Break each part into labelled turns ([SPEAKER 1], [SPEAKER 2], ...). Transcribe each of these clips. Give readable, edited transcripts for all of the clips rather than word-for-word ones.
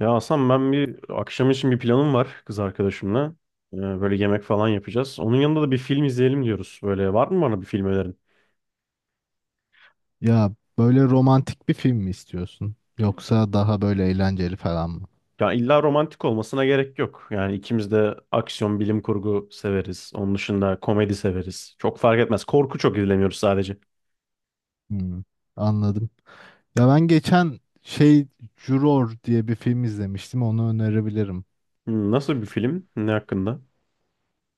[SPEAKER 1] Ya Hasan, ben bir akşam için bir planım var kız arkadaşımla. Böyle yemek falan yapacağız. Onun yanında da bir film izleyelim diyoruz. Böyle var mı bana bir film önerin?
[SPEAKER 2] Ya böyle romantik bir film mi istiyorsun? Yoksa daha böyle eğlenceli falan mı?
[SPEAKER 1] Ya illa romantik olmasına gerek yok. Yani ikimiz de aksiyon, bilim kurgu severiz. Onun dışında komedi severiz. Çok fark etmez. Korku çok izlemiyoruz sadece.
[SPEAKER 2] Hmm, anladım. Ya ben geçen şey Juror diye bir film izlemiştim. Onu önerebilirim.
[SPEAKER 1] Hmm, nasıl bir film? Ne hakkında?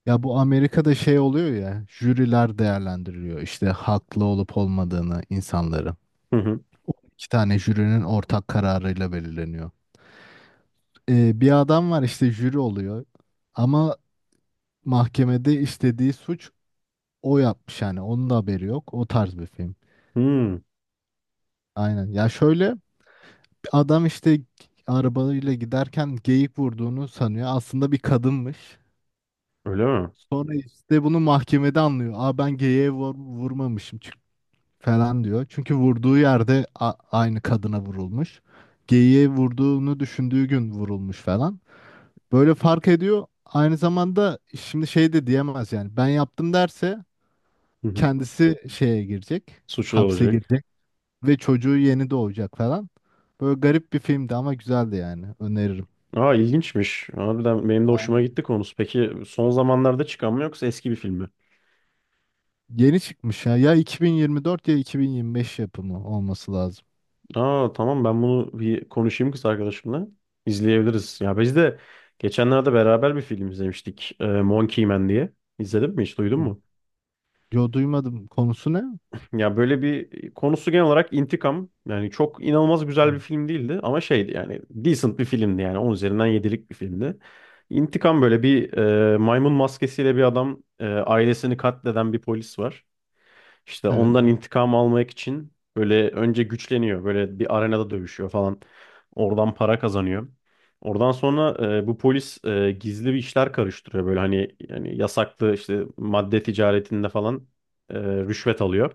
[SPEAKER 2] Ya bu Amerika'da şey oluyor ya, jüriler değerlendiriyor işte, haklı olup olmadığını insanları.
[SPEAKER 1] Hı hı.
[SPEAKER 2] İki tane jürinin ortak kararıyla belirleniyor. Bir adam var işte jüri oluyor. Ama mahkemede istediği suç o yapmış yani. Onun da haberi yok. O tarz bir film.
[SPEAKER 1] Hmm,
[SPEAKER 2] Aynen. Ya şöyle adam işte arabayla giderken geyik vurduğunu sanıyor. Aslında bir kadınmış.
[SPEAKER 1] öyle mi?
[SPEAKER 2] Sonra işte bunu mahkemede anlıyor. Aa ben vurmamışım çünkü falan diyor. Çünkü vurduğu yerde aynı kadına vurulmuş. Geyiğe vurduğunu düşündüğü gün vurulmuş falan. Böyle fark ediyor. Aynı zamanda şimdi şey de diyemez yani. Ben yaptım derse
[SPEAKER 1] Hı hı.
[SPEAKER 2] kendisi şeye girecek.
[SPEAKER 1] Suçlu
[SPEAKER 2] Hapse
[SPEAKER 1] olacak.
[SPEAKER 2] girecek. Ve çocuğu yeni doğacak falan. Böyle garip bir filmdi ama güzeldi yani. Öneririm.
[SPEAKER 1] Aa, ilginçmiş. Harbiden benim de hoşuma
[SPEAKER 2] Aynen.
[SPEAKER 1] gitti konusu. Peki son zamanlarda çıkan mı yoksa eski bir film mi?
[SPEAKER 2] Yeni çıkmış ya. Ya 2024 ya 2025 yapımı olması lazım.
[SPEAKER 1] Aa, tamam, ben bunu bir konuşayım kız arkadaşımla. İzleyebiliriz. Ya biz de geçenlerde beraber bir film izlemiştik. Monkey Man diye. İzledin mi, hiç duydun
[SPEAKER 2] Hı.
[SPEAKER 1] mu?
[SPEAKER 2] Yo duymadım. Konusu ne?
[SPEAKER 1] Ya böyle bir konusu genel olarak intikam. Yani çok inanılmaz güzel bir
[SPEAKER 2] Evet.
[SPEAKER 1] film değildi ama şeydi yani decent bir filmdi yani 10 üzerinden 7'lik bir filmdi. İntikam, böyle bir maymun maskesiyle bir adam, ailesini katleden bir polis var. İşte
[SPEAKER 2] Evet.
[SPEAKER 1] ondan intikam almak için böyle önce güçleniyor. Böyle bir arenada dövüşüyor falan. Oradan para kazanıyor. Oradan sonra bu polis gizli bir işler karıştırıyor. Böyle hani yani yasaklı işte madde ticaretinde falan rüşvet alıyor.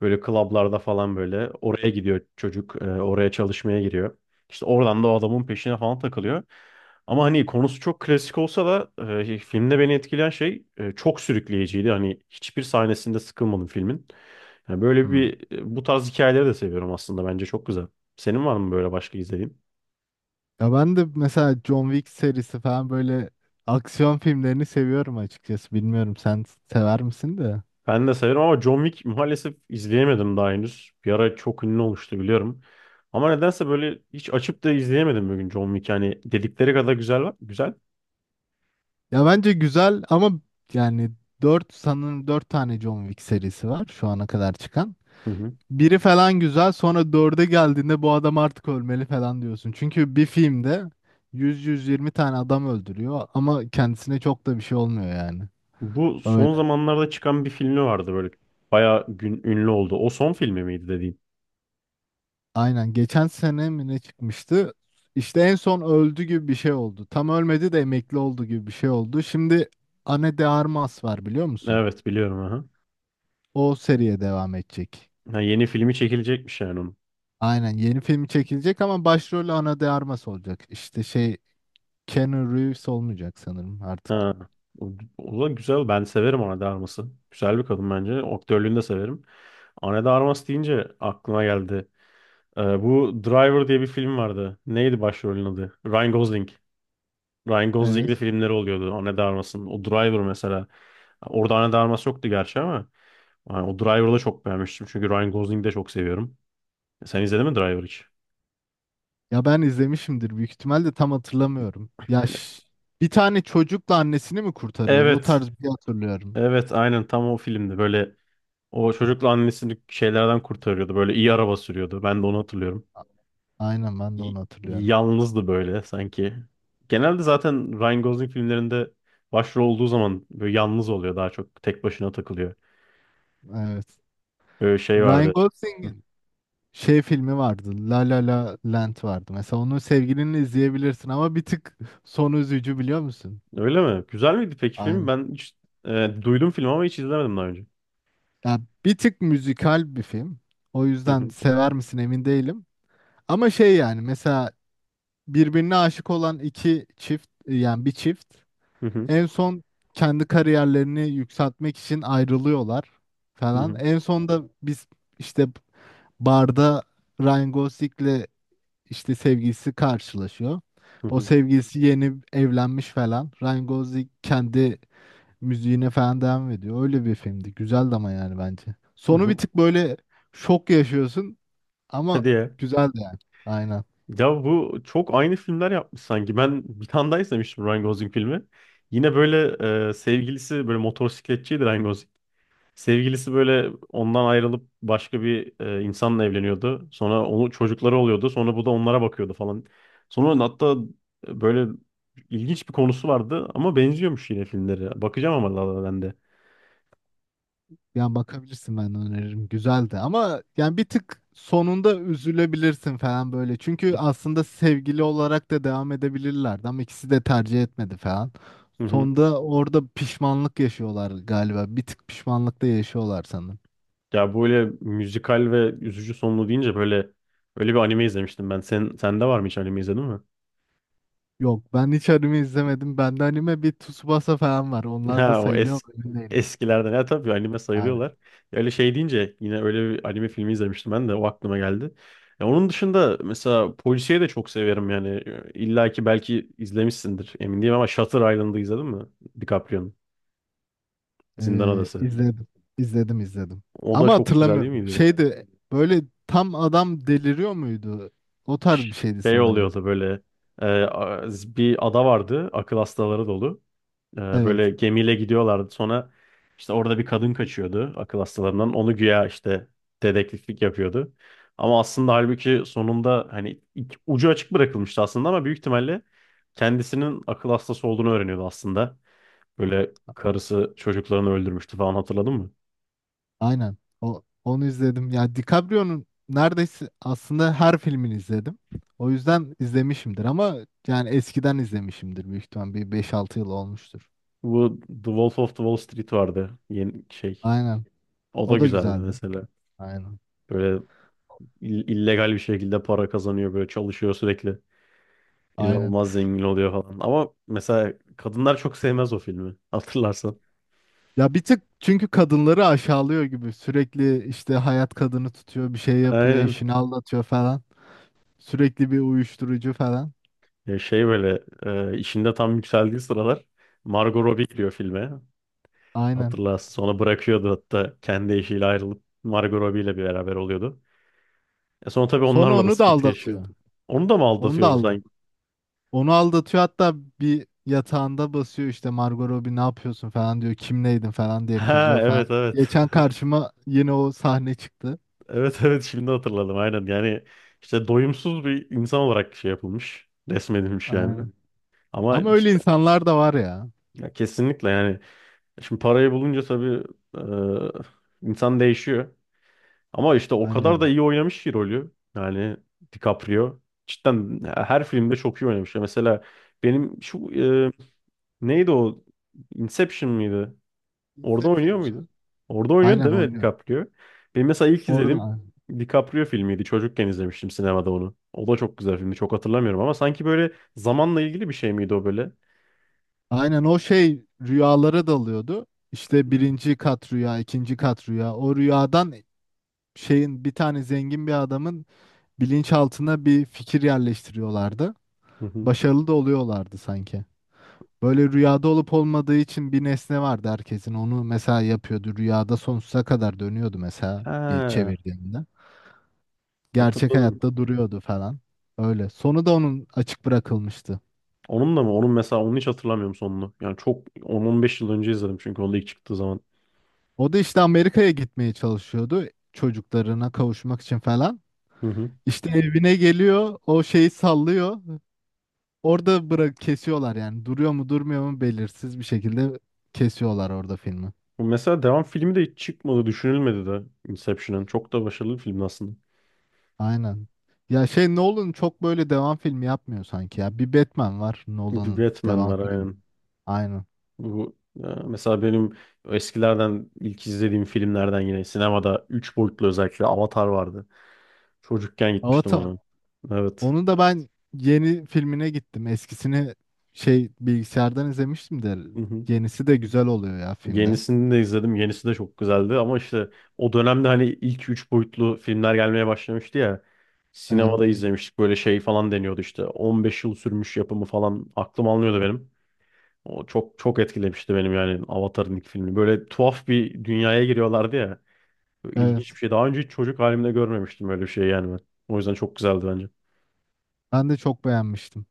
[SPEAKER 1] Böyle klablarda falan böyle oraya gidiyor çocuk. Oraya çalışmaya giriyor. İşte oradan da o adamın peşine falan takılıyor. Ama hani konusu çok klasik olsa da filmde beni etkileyen şey, çok sürükleyiciydi. Hani hiçbir sahnesinde sıkılmadım filmin. Yani böyle
[SPEAKER 2] Hmm.
[SPEAKER 1] bir, bu tarz hikayeleri de seviyorum aslında. Bence çok güzel. Senin var mı böyle başka izlediğin?
[SPEAKER 2] Ya ben de mesela John Wick serisi falan böyle aksiyon filmlerini seviyorum açıkçası. Bilmiyorum sen sever misin de.
[SPEAKER 1] Ben de severim ama John Wick maalesef izleyemedim daha henüz. Bir ara çok ünlü olmuştu, biliyorum. Ama nedense böyle hiç açıp da izleyemedim bugün John Wick. Yani dedikleri kadar güzel var. Güzel.
[SPEAKER 2] Ya bence güzel ama yani 4 tane John Wick serisi var şu ana kadar çıkan.
[SPEAKER 1] Hı hı.
[SPEAKER 2] Biri falan güzel sonra dörde geldiğinde bu adam artık ölmeli falan diyorsun. Çünkü bir filmde 100-120 tane adam öldürüyor ama kendisine çok da bir şey olmuyor yani.
[SPEAKER 1] Bu
[SPEAKER 2] Öyle.
[SPEAKER 1] son zamanlarda çıkan bir filmi vardı böyle. Bayağı gün, ünlü oldu. O son filmi miydi dediğin?
[SPEAKER 2] Aynen. Geçen sene mi ne çıkmıştı? İşte en son öldü gibi bir şey oldu. Tam ölmedi de emekli oldu gibi bir şey oldu. Şimdi Ana de Armas var biliyor musun?
[SPEAKER 1] Evet, biliyorum. Aha.
[SPEAKER 2] O seriye devam edecek.
[SPEAKER 1] Ha, yeni filmi çekilecekmiş yani onun.
[SPEAKER 2] Aynen yeni filmi çekilecek ama başrolü Ana de Armas olacak. İşte şey Keanu Reeves olmayacak sanırım artık.
[SPEAKER 1] Ha. O, o da güzel. Ben severim ona darması. Güzel bir kadın bence. Aktörlüğünü de severim. Ana de Armas deyince aklıma geldi. Bu Driver diye bir film vardı. Neydi başrolün adı? Ryan Gosling. Ryan Gosling'in
[SPEAKER 2] Evet.
[SPEAKER 1] de filmleri oluyordu. Ana de Armas'ın. O Driver mesela. Orada Ana de Armas yoktu gerçi ama. Yani o Driver'ı da çok beğenmiştim. Çünkü Ryan Gosling'i de çok seviyorum. Sen izledin mi Driver hiç?
[SPEAKER 2] Ya ben izlemişimdir büyük ihtimalle tam hatırlamıyorum. Bir tane çocukla annesini mi kurtarıyordu? O
[SPEAKER 1] Evet.
[SPEAKER 2] tarz bir şey hatırlıyorum.
[SPEAKER 1] Evet aynen, tam o filmdi. Böyle o çocukla annesini şeylerden kurtarıyordu. Böyle iyi araba sürüyordu. Ben de onu hatırlıyorum.
[SPEAKER 2] Aynen ben de
[SPEAKER 1] y-
[SPEAKER 2] onu hatırlıyorum.
[SPEAKER 1] Yalnızdı böyle sanki. Genelde zaten Ryan Gosling filmlerinde başrol olduğu zaman böyle yalnız oluyor, daha çok tek başına takılıyor.
[SPEAKER 2] Evet.
[SPEAKER 1] Böyle şey
[SPEAKER 2] Ryan
[SPEAKER 1] vardı. Hı,
[SPEAKER 2] Gosling'in şey filmi vardı. La La La Land vardı. Mesela onu sevgilinle izleyebilirsin ama bir tık sonu üzücü biliyor musun?
[SPEAKER 1] öyle mi? Güzel miydi peki film?
[SPEAKER 2] Aynen.
[SPEAKER 1] Ben hiç duydum film ama hiç izlemedim daha önce.
[SPEAKER 2] Ya bir tık müzikal bir film. O
[SPEAKER 1] Hı
[SPEAKER 2] yüzden
[SPEAKER 1] hı,
[SPEAKER 2] sever misin emin değilim. Ama şey yani mesela birbirine aşık olan iki çift yani bir çift
[SPEAKER 1] hı hı,
[SPEAKER 2] en son kendi kariyerlerini yükseltmek için ayrılıyorlar
[SPEAKER 1] hı
[SPEAKER 2] falan.
[SPEAKER 1] hı,
[SPEAKER 2] En son da biz işte barda Ryan Gosling'le işte sevgilisi karşılaşıyor.
[SPEAKER 1] hı
[SPEAKER 2] O
[SPEAKER 1] hı.
[SPEAKER 2] sevgilisi yeni evlenmiş falan. Ryan Gosling kendi müziğine falan devam ediyor. Öyle bir filmdi. Güzeldi ama yani bence. Sonu bir
[SPEAKER 1] Bu,
[SPEAKER 2] tık böyle şok yaşıyorsun ama
[SPEAKER 1] hadi ya.
[SPEAKER 2] güzeldi yani. Aynen.
[SPEAKER 1] Ya bu çok aynı filmler yapmış sanki. Ben bir tane daha izlemiştim Ryan Gosling filmi. Yine böyle sevgilisi böyle motosikletçiydi Ryan Gosling. Sevgilisi böyle ondan ayrılıp başka bir insanla evleniyordu. Sonra onu çocukları oluyordu. Sonra bu da onlara bakıyordu falan. Sonra hatta böyle ilginç bir konusu vardı ama benziyormuş yine filmleri. Bakacağım ama La La Land'e.
[SPEAKER 2] Yani bakabilirsin ben öneririm. Güzeldi ama yani bir tık sonunda üzülebilirsin falan böyle. Çünkü aslında sevgili olarak da devam edebilirlerdi ama ikisi de tercih etmedi falan.
[SPEAKER 1] Hı hı.
[SPEAKER 2] Sonda orada pişmanlık yaşıyorlar galiba. Bir tık pişmanlıkta yaşıyorlar sanırım.
[SPEAKER 1] Ya böyle müzikal ve üzücü sonlu deyince böyle öyle bir anime izlemiştim ben. Sen, sende var mı, hiç anime izledin mi?
[SPEAKER 2] Yok ben hiç anime izlemedim. Bende anime bir Tsubasa falan var. Onlar da
[SPEAKER 1] Ha, o
[SPEAKER 2] sayılıyor mu emin değilim.
[SPEAKER 1] eskilerden. Ya tabii anime sayılıyorlar.
[SPEAKER 2] Aynen.
[SPEAKER 1] Ya öyle şey deyince yine öyle bir anime filmi izlemiştim ben de o aklıma geldi. Ya onun dışında mesela polisiye de çok severim yani. İlla ki belki izlemişsindir, emin değilim ama Shutter Island'ı izledin mi? DiCaprio'nun Zindan Adası.
[SPEAKER 2] İzledim. İzledim.
[SPEAKER 1] O da
[SPEAKER 2] Ama
[SPEAKER 1] çok güzel değil
[SPEAKER 2] hatırlamıyorum.
[SPEAKER 1] miydi?
[SPEAKER 2] Şeydi böyle tam adam deliriyor muydu? O tarz bir şeydi
[SPEAKER 1] Şey
[SPEAKER 2] sanırım.
[SPEAKER 1] oluyordu böyle, e, a- bir ada vardı, akıl hastaları dolu. Böyle
[SPEAKER 2] Evet.
[SPEAKER 1] gemiyle gidiyorlardı. Sonra işte orada bir kadın kaçıyordu akıl hastalarından. Onu güya işte dedektiflik yapıyordu. Ama aslında halbuki sonunda hani ucu açık bırakılmıştı aslında ama büyük ihtimalle kendisinin akıl hastası olduğunu öğreniyordu aslında. Böyle karısı çocuklarını öldürmüştü falan, hatırladın mı?
[SPEAKER 2] Aynen. Onu izledim. Ya DiCaprio'nun neredeyse aslında her filmini izledim. O yüzden izlemişimdir ama yani eskiden izlemişimdir büyük ihtimal bir beş altı yıl olmuştur.
[SPEAKER 1] Bu The Wolf of the Wall Street vardı. Yeni şey.
[SPEAKER 2] Aynen.
[SPEAKER 1] O da
[SPEAKER 2] O da
[SPEAKER 1] güzeldi
[SPEAKER 2] güzeldi.
[SPEAKER 1] mesela.
[SPEAKER 2] Aynen.
[SPEAKER 1] Böyle illegal bir şekilde para kazanıyor, böyle çalışıyor sürekli.
[SPEAKER 2] Aynen.
[SPEAKER 1] İnanılmaz zengin oluyor falan. Ama mesela kadınlar çok sevmez o filmi. Hatırlarsan.
[SPEAKER 2] Ya bir tık çünkü kadınları aşağılıyor gibi sürekli işte hayat kadını tutuyor bir şey yapıyor
[SPEAKER 1] Aynen.
[SPEAKER 2] eşini aldatıyor falan. Sürekli bir uyuşturucu falan.
[SPEAKER 1] Ya şey böyle işinde tam yükseldiği sıralar Margot Robbie giriyor filme.
[SPEAKER 2] Aynen.
[SPEAKER 1] Hatırlarsın. Sonra bırakıyordu hatta, kendi eşiyle ayrılıp Margot Robbie ile bir beraber oluyordu. E sonra tabii
[SPEAKER 2] Sonra
[SPEAKER 1] onlarla da
[SPEAKER 2] onu da
[SPEAKER 1] sıkıntı yaşıyordu.
[SPEAKER 2] aldatıyor.
[SPEAKER 1] Onu da mı
[SPEAKER 2] Onu da
[SPEAKER 1] aldatıyordu
[SPEAKER 2] aldı.
[SPEAKER 1] sanki?
[SPEAKER 2] Onu aldatıyor hatta bir yatağında basıyor işte Margot Robbie ne yapıyorsun falan diyor. Kimleydin falan diye
[SPEAKER 1] Ha
[SPEAKER 2] kızıyor falan.
[SPEAKER 1] evet, evet.
[SPEAKER 2] Geçen karşıma yine o sahne çıktı.
[SPEAKER 1] Evet evet, şimdi hatırladım aynen. Yani işte doyumsuz bir insan olarak şey yapılmış. Resmedilmiş yani.
[SPEAKER 2] Aynen.
[SPEAKER 1] Ama
[SPEAKER 2] Ama öyle
[SPEAKER 1] işte,
[SPEAKER 2] insanlar da var ya.
[SPEAKER 1] ya kesinlikle yani. Şimdi parayı bulunca tabii insan değişiyor. Ama işte o
[SPEAKER 2] Bence
[SPEAKER 1] kadar da
[SPEAKER 2] de.
[SPEAKER 1] iyi oynamış ki rolü. Yani DiCaprio. Cidden her filmde çok iyi oynamış. Ya mesela benim şu e, neydi o? Inception mıydı? Orada
[SPEAKER 2] Inception
[SPEAKER 1] oynuyor
[SPEAKER 2] güzel.
[SPEAKER 1] muydu? Orada oynuyordu
[SPEAKER 2] Aynen
[SPEAKER 1] değil mi
[SPEAKER 2] oynuyor.
[SPEAKER 1] DiCaprio? Benim mesela ilk izlediğim
[SPEAKER 2] Orada
[SPEAKER 1] DiCaprio filmiydi. Çocukken izlemiştim sinemada onu. O da çok güzel filmdi. Çok hatırlamıyorum ama sanki böyle zamanla ilgili bir şey miydi o böyle?
[SPEAKER 2] aynen o şey rüyalara dalıyordu. İşte
[SPEAKER 1] Hmm.
[SPEAKER 2] birinci kat rüya, ikinci kat rüya. O rüyadan şeyin bir tane zengin bir adamın bilinçaltına bir fikir yerleştiriyorlardı.
[SPEAKER 1] Hı hı.
[SPEAKER 2] Başarılı da oluyorlardı sanki. Böyle rüyada olup olmadığı için bir nesne vardı herkesin. Onu mesela yapıyordu. Rüyada sonsuza kadar dönüyordu mesela bir
[SPEAKER 1] Ha,
[SPEAKER 2] çevirdiğinde. Gerçek
[SPEAKER 1] hatırladım.
[SPEAKER 2] hayatta duruyordu falan. Öyle. Sonu da onun açık bırakılmıştı.
[SPEAKER 1] Onun da mı? Onun, mesela onu hiç hatırlamıyorum sonunu. Yani çok 10-15 yıl önce izledim çünkü, onda ilk çıktığı zaman.
[SPEAKER 2] O da işte Amerika'ya gitmeye çalışıyordu çocuklarına kavuşmak için falan.
[SPEAKER 1] Hı hı.
[SPEAKER 2] İşte evine geliyor, o şeyi sallıyor. Orada bırak kesiyorlar yani. Duruyor mu, durmuyor mu belirsiz bir şekilde kesiyorlar orada filmi.
[SPEAKER 1] Bu mesela devam filmi de hiç çıkmadı, düşünülmedi de Inception'ın. Çok da başarılı bir film aslında.
[SPEAKER 2] Aynen. Ya şey Nolan çok böyle devam filmi yapmıyor sanki ya. Bir Batman var
[SPEAKER 1] Bir
[SPEAKER 2] Nolan'ın
[SPEAKER 1] Batman
[SPEAKER 2] devam
[SPEAKER 1] var
[SPEAKER 2] filmi.
[SPEAKER 1] aynen.
[SPEAKER 2] Aynen.
[SPEAKER 1] Bu ya mesela benim eskilerden ilk izlediğim filmlerden yine sinemada 3 boyutlu özellikle Avatar vardı. Çocukken gitmiştim
[SPEAKER 2] Avatar.
[SPEAKER 1] ona. Evet.
[SPEAKER 2] Onu da ben yeni filmine gittim. Eskisini şey bilgisayardan izlemiştim de yenisi de güzel oluyor ya filmde.
[SPEAKER 1] Yenisini de izledim. Yenisi de çok güzeldi ama işte o dönemde hani ilk üç boyutlu filmler gelmeye başlamıştı ya.
[SPEAKER 2] Evet.
[SPEAKER 1] Sinemada izlemiştik, böyle şey falan deniyordu işte. 15 yıl sürmüş yapımı falan, aklım almıyordu benim. O çok çok etkilemişti benim yani, Avatar'ın ilk filmi. Böyle tuhaf bir dünyaya giriyorlardı ya. Böyle
[SPEAKER 2] Evet.
[SPEAKER 1] ilginç bir şey. Daha önce hiç çocuk halimde görmemiştim öyle bir şey yani ben. O yüzden çok güzeldi bence.
[SPEAKER 2] Ben de çok beğenmiştim.